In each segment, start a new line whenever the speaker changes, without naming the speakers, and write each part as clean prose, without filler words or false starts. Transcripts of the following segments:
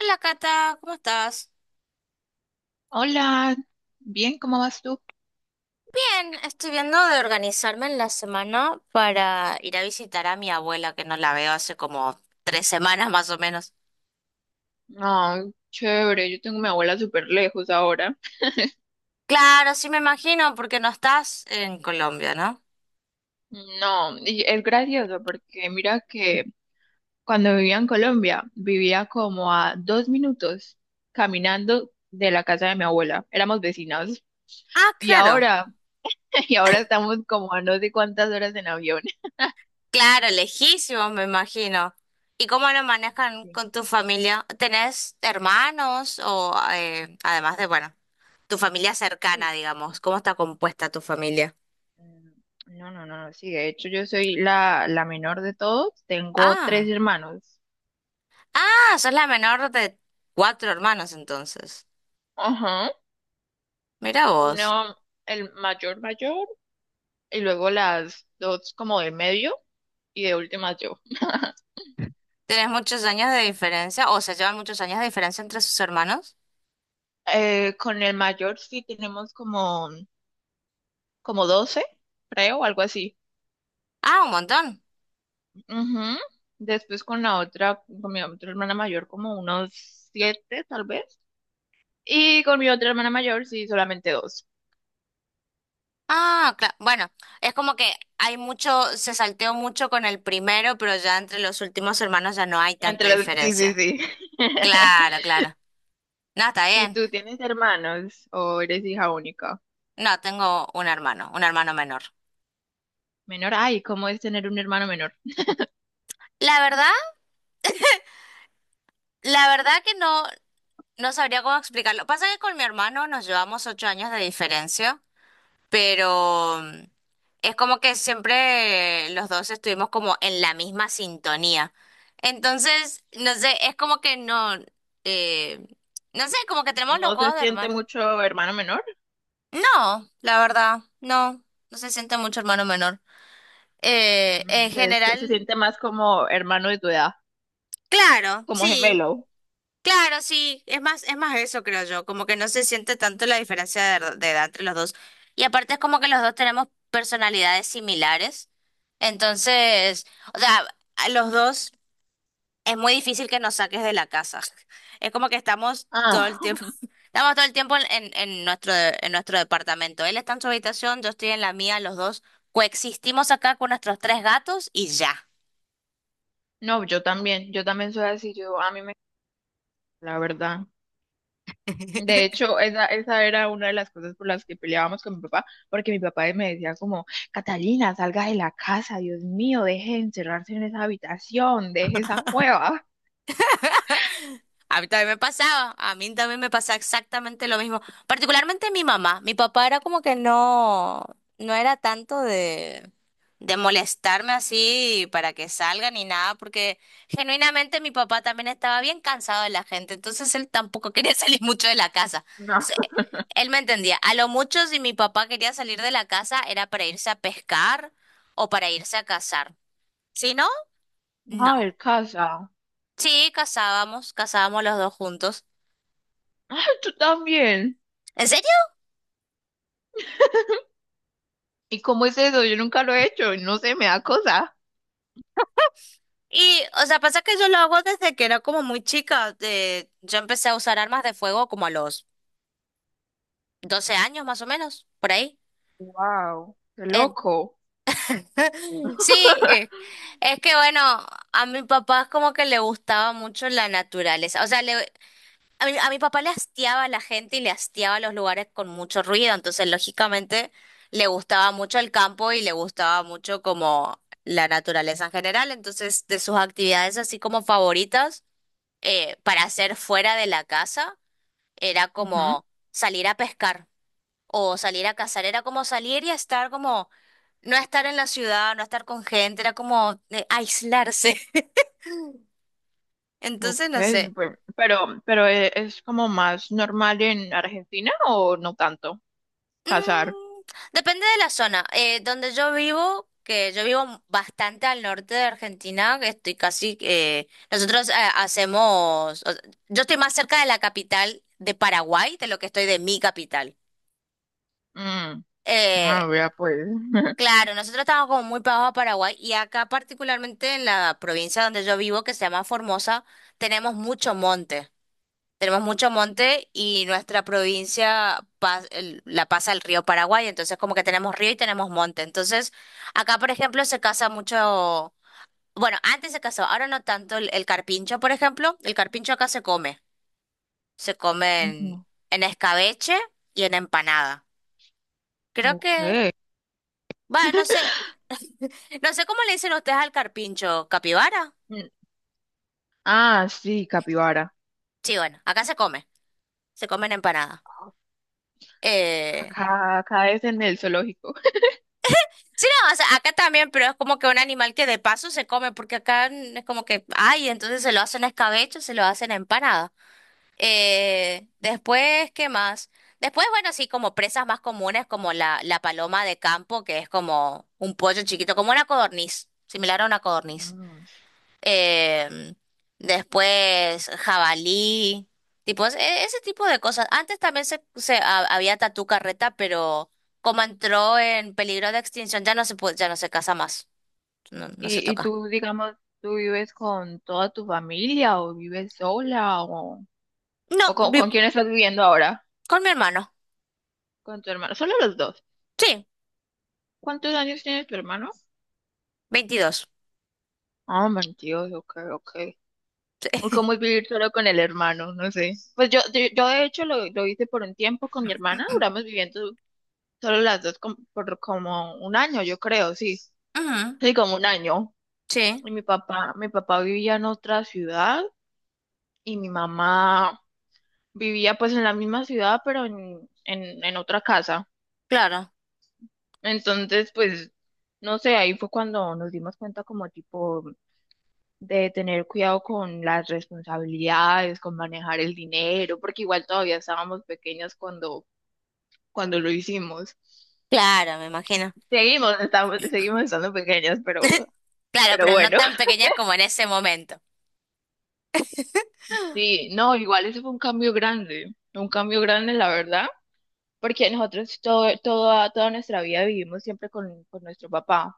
Hola Cata, ¿cómo estás?
Hola, bien, ¿cómo vas tú?
Bien, estoy viendo de organizarme en la semana para ir a visitar a mi abuela, que no la veo hace como 3 semanas más o menos.
No, chévere, yo tengo a mi abuela súper lejos ahora.
Claro, sí me imagino, porque no estás en Colombia, ¿no?
No, y es gracioso porque mira que cuando vivía en Colombia, vivía como a dos minutos caminando de la casa de mi abuela. Éramos vecinos.
Ah,
Y
claro,
ahora, y ahora estamos como a no sé cuántas horas en avión.
claro, lejísimo, me imagino. ¿Y cómo lo manejan
Sí,
con tu familia? ¿Tenés hermanos o además de, bueno, tu familia cercana,
uy,
digamos?
sí.
¿Cómo está compuesta tu familia?
Mm, No, no, no, no, sí, de hecho yo soy la menor de todos, tengo tres
Ah.
hermanos.
Ah, sos la menor de cuatro hermanos entonces.
Ajá.
Mira vos.
Uno el mayor mayor y luego las dos como de medio y de última yo.
¿Tenés muchos años de diferencia o se llevan muchos años de diferencia entre sus hermanos?
Con el mayor sí tenemos como 12 creo, algo así.
Ah, un montón.
Ujú. Después con la otra, con mi otra hermana mayor como unos siete tal vez. Y con mi otra hermana mayor sí solamente dos.
Ah, claro. Bueno, es como que hay mucho, se salteó mucho con el primero, pero ya entre los últimos hermanos ya no hay tanta
Sí, sí,
diferencia.
sí.
Claro, claro. No, está
¿Y
bien.
tú tienes hermanos o eres hija única?
No, tengo un hermano menor.
Menor, ay, ¿cómo es tener un hermano menor?
La verdad, la verdad, que no sabría cómo explicarlo. Pasa que con mi hermano nos llevamos 8 años de diferencia. Pero es como que siempre los dos estuvimos como en la misma sintonía. Entonces, no sé, es como que no, eh, no sé, como que tenemos los
¿No se
juegos de
siente
hermano.
mucho hermano menor?
No, la verdad, no, no se siente mucho hermano menor. Eh, en
Se
general,
siente más como hermano de tu edad,
claro,
como
sí.
gemelo.
Claro, sí, es más eso, creo yo, como que no se siente tanto la diferencia de edad entre los dos. Y aparte es como que los dos tenemos personalidades similares. Entonces, o sea, a los dos es muy difícil que nos saques de la casa. Es como que estamos todo
Ah,
el tiempo, estamos todo el tiempo en, en nuestro departamento. Él está en su habitación, yo estoy en la mía, los dos coexistimos acá con nuestros tres gatos y ya.
no, yo también soy así, yo a mí me, la verdad. De hecho, esa era una de las cosas por las que peleábamos con mi papá, porque mi papá me decía como, Catalina, salga de la casa, Dios mío, deje de encerrarse en esa habitación, deje esa cueva.
A mí también me pasaba, a mí también me pasaba exactamente lo mismo. Particularmente mi mamá, mi papá era como que no, no era tanto de, molestarme así para que salga ni nada, porque genuinamente mi papá también estaba bien cansado de la gente, entonces él tampoco quería salir mucho de la casa.
No,
Entonces, él me entendía. A lo mucho si mi papá quería salir de la casa era para irse a pescar o para irse a cazar. Si no,
no,
no.
el casa.
Sí, cazábamos los dos juntos.
Ay, tú también.
En serio.
¿Y cómo es eso? Yo nunca lo he hecho, no sé, me da cosa.
Y, o sea, pasa que yo lo hago desde que era como muy chica. Yo empecé a usar armas de fuego como a los 12 años más o menos, por ahí.
Wow, qué
Eh,
loco.
sí, es que bueno, a mi papá es como que le gustaba mucho la naturaleza. O sea, a mi papá le hastiaba a la gente y le hastiaba los lugares con mucho ruido. Entonces, lógicamente, le gustaba mucho el campo y le gustaba mucho como la naturaleza en general. Entonces, de sus actividades así como favoritas. Para hacer fuera de la casa era
Ujú.
como salir a pescar o salir a cazar, era como salir y estar como, no estar en la ciudad, no estar con gente, era como aislarse.
Ok,
Entonces, no sé.
súper. Pero es como más normal en Argentina o no tanto casar.
Mm, depende de la zona. Donde yo vivo, que yo vivo bastante al norte de Argentina, que estoy casi, nosotros hacemos, yo estoy más cerca de la capital de Paraguay de lo que estoy de mi capital.
Mm,
Eh,
ah, vea pues.
Claro, nosotros estamos como muy pegados a Paraguay y acá particularmente en la provincia donde yo vivo, que se llama Formosa, tenemos mucho monte. Tenemos mucho monte y nuestra provincia la pasa el río Paraguay, entonces como que tenemos río y tenemos monte. Entonces, acá por ejemplo se casa mucho, bueno, antes se casó, ahora no tanto el carpincho, por ejemplo. El carpincho acá se come, en,
Ujú,
en escabeche y en empanada. Creo que,
Ok.
bueno, no sé. No sé cómo le dicen ustedes al carpincho, capibara.
Mm, Ah, sí, capibara.
Sí, bueno, acá se come, se comen empanadas. Eh,
Acá, acá es en el zoológico.
sí, no, o sea, acá también, pero es como que un animal que de paso se come, porque acá es como que, ay, entonces se lo hacen a escabecho, se lo hacen a empanada. Después, ¿qué más? Después, bueno, sí, como presas más comunes, como la paloma de campo, que es como un pollo chiquito, como una codorniz, similar a una codorniz.
Mm.
em, después jabalí, tipo ese tipo de cosas. Antes también se había tatú carreta, pero como entró en peligro de extinción, ya no se puede, ya no se casa más, no, no se
Y
toca.
tú, digamos, tú vives con toda tu familia o vives sola
No,
o con quién estás viviendo ahora?
con mi hermano,
Con tu hermano. Solo los dos.
sí,
¿Cuántos años tiene tu hermano?
22.
Ah, 22, ok, ok.
Sí,
¿Cómo es vivir solo con el hermano? No sé. Pues yo de hecho lo hice por un tiempo con mi hermana, duramos viviendo solo las dos por como un año, yo creo, sí.
Ujú,
Sí, como un año.
sí,
Y mi papá vivía en otra ciudad y mi mamá vivía pues en la misma ciudad, pero en otra casa.
claro,
Entonces, pues, no sé, ahí fue cuando nos dimos cuenta como tipo de tener cuidado con las responsabilidades, con manejar el dinero, porque igual todavía estábamos pequeñas cuando, cuando lo hicimos.
claro, me imagino.
Seguimos, estamos, seguimos estando pequeñas,
Claro,
pero
pero no
bueno,
tan pequeñas como en ese momento.
sí, no, igual eso fue un cambio grande, la verdad, porque toda nuestra vida vivimos siempre con nuestro papá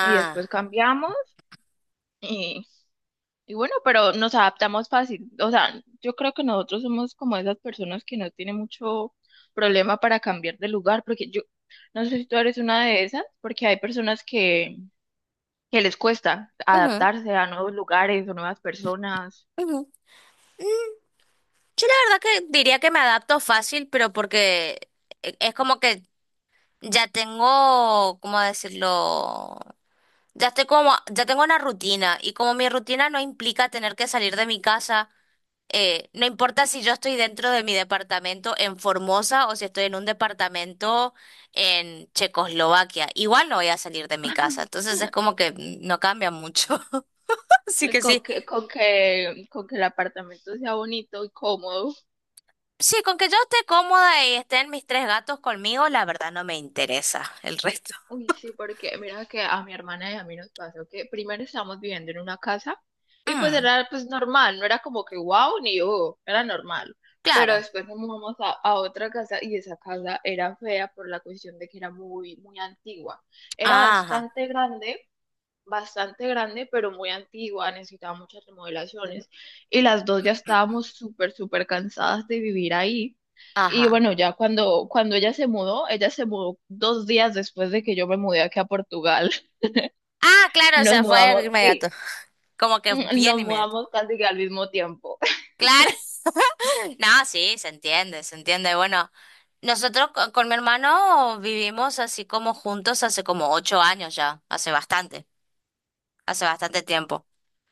y después cambiamos. Y bueno, pero nos adaptamos fácil. O sea, yo creo que nosotros somos como esas personas que no tienen mucho problema para cambiar de lugar, porque yo no sé si tú eres una de esas, porque hay personas que les cuesta
ujú,
adaptarse a nuevos lugares o nuevas personas,
ujú. Yo la verdad que diría que me adapto fácil, pero porque es como que ya tengo, ¿cómo decirlo? Ya estoy como, ya tengo una rutina y como mi rutina no implica tener que salir de mi casa, no importa si yo estoy dentro de mi departamento en Formosa o si estoy en un departamento en Checoslovaquia, igual no voy a salir de mi casa, entonces es como que no cambia mucho. Así que sí.
con que el apartamento sea bonito y cómodo.
Sí, con que yo esté cómoda y estén mis tres gatos conmigo, la verdad no me interesa el resto.
Uy, sí, porque mira que a mi hermana y a mí nos pasó que primero estábamos viviendo en una casa y pues
Mm,
era pues normal, no era como que wow ni oh, era normal. Pero
claro.
después nos mudamos a otra casa y esa casa era fea por la cuestión de que era muy, muy antigua. Era
Ajá,
bastante grande, bastante grande, pero muy antigua, necesitaba muchas remodelaciones y las dos ya estábamos súper, súper cansadas de vivir ahí. Y
ajá.
bueno, ya cuando, cuando ella se mudó dos días después de que yo me mudé aquí a Portugal.
Ah, claro, o
Nos
sea, fue
mudamos,
inmediato.
sí,
Como que
mm,
bien
nos
inmediato.
mudamos casi que al mismo tiempo.
Claro. No, sí, se entiende, se entiende. Bueno, nosotros con, mi hermano vivimos así como juntos hace como 8 años ya, hace bastante tiempo.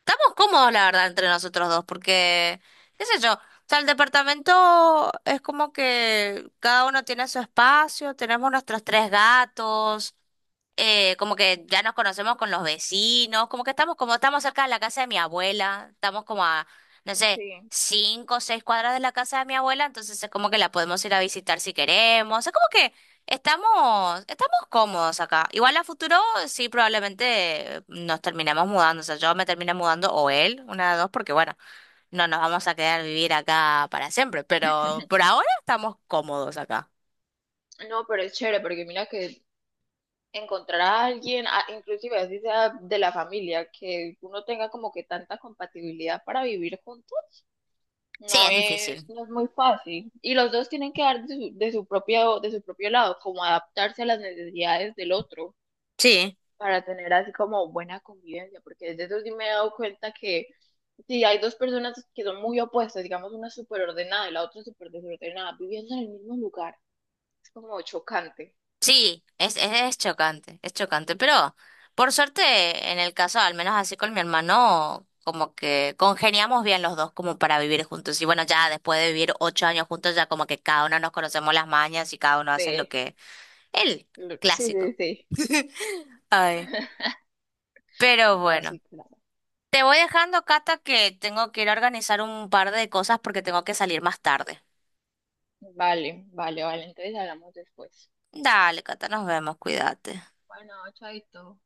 Estamos cómodos, la verdad, entre nosotros dos, porque, qué sé yo, o sea, el departamento es como que cada uno tiene su espacio, tenemos nuestros tres gatos, como que ya nos conocemos con los vecinos, como que estamos, como estamos cerca de la casa de mi abuela, estamos como a, no sé,
Sí,
5 o 6 cuadras de la casa de mi abuela, entonces es como que la podemos ir a visitar si queremos, es como que Estamos cómodos acá. Igual a futuro sí probablemente nos terminemos mudando. O sea, yo me termine mudando o él, una de dos, porque bueno, no nos vamos a quedar vivir acá para siempre. Pero por ahora estamos cómodos acá.
no, pero es chévere porque mira que encontrar a alguien, inclusive así sea de la familia, que uno tenga como que tanta compatibilidad para vivir juntos,
Sí, es difícil.
no es muy fácil. Y los dos tienen que dar de su, de su propio lado, como adaptarse a las necesidades del otro
Sí,
para tener así como buena convivencia, porque desde eso sí me he dado cuenta que si hay dos personas que son muy opuestas, digamos una súper ordenada y la otra súper desordenada, viviendo en el mismo lugar, es como chocante.
sí, es chocante, es chocante. Pero por suerte, en el caso, al menos así con mi hermano, como que congeniamos bien los dos como para vivir juntos. Y bueno, ya después de vivir 8 años juntos, ya como que cada uno nos conocemos las mañas y cada uno hace lo
de-
que. El
Sí,
clásico.
sí, sí.
Ay, pero
No,
bueno,
sí, claro.
te voy dejando, Cata, que tengo que ir a organizar un par de cosas porque tengo que salir más tarde.
Vale, vale, vale. Entonces hablamos después.
Dale, Cata, nos vemos, cuídate.
Bueno, chaito.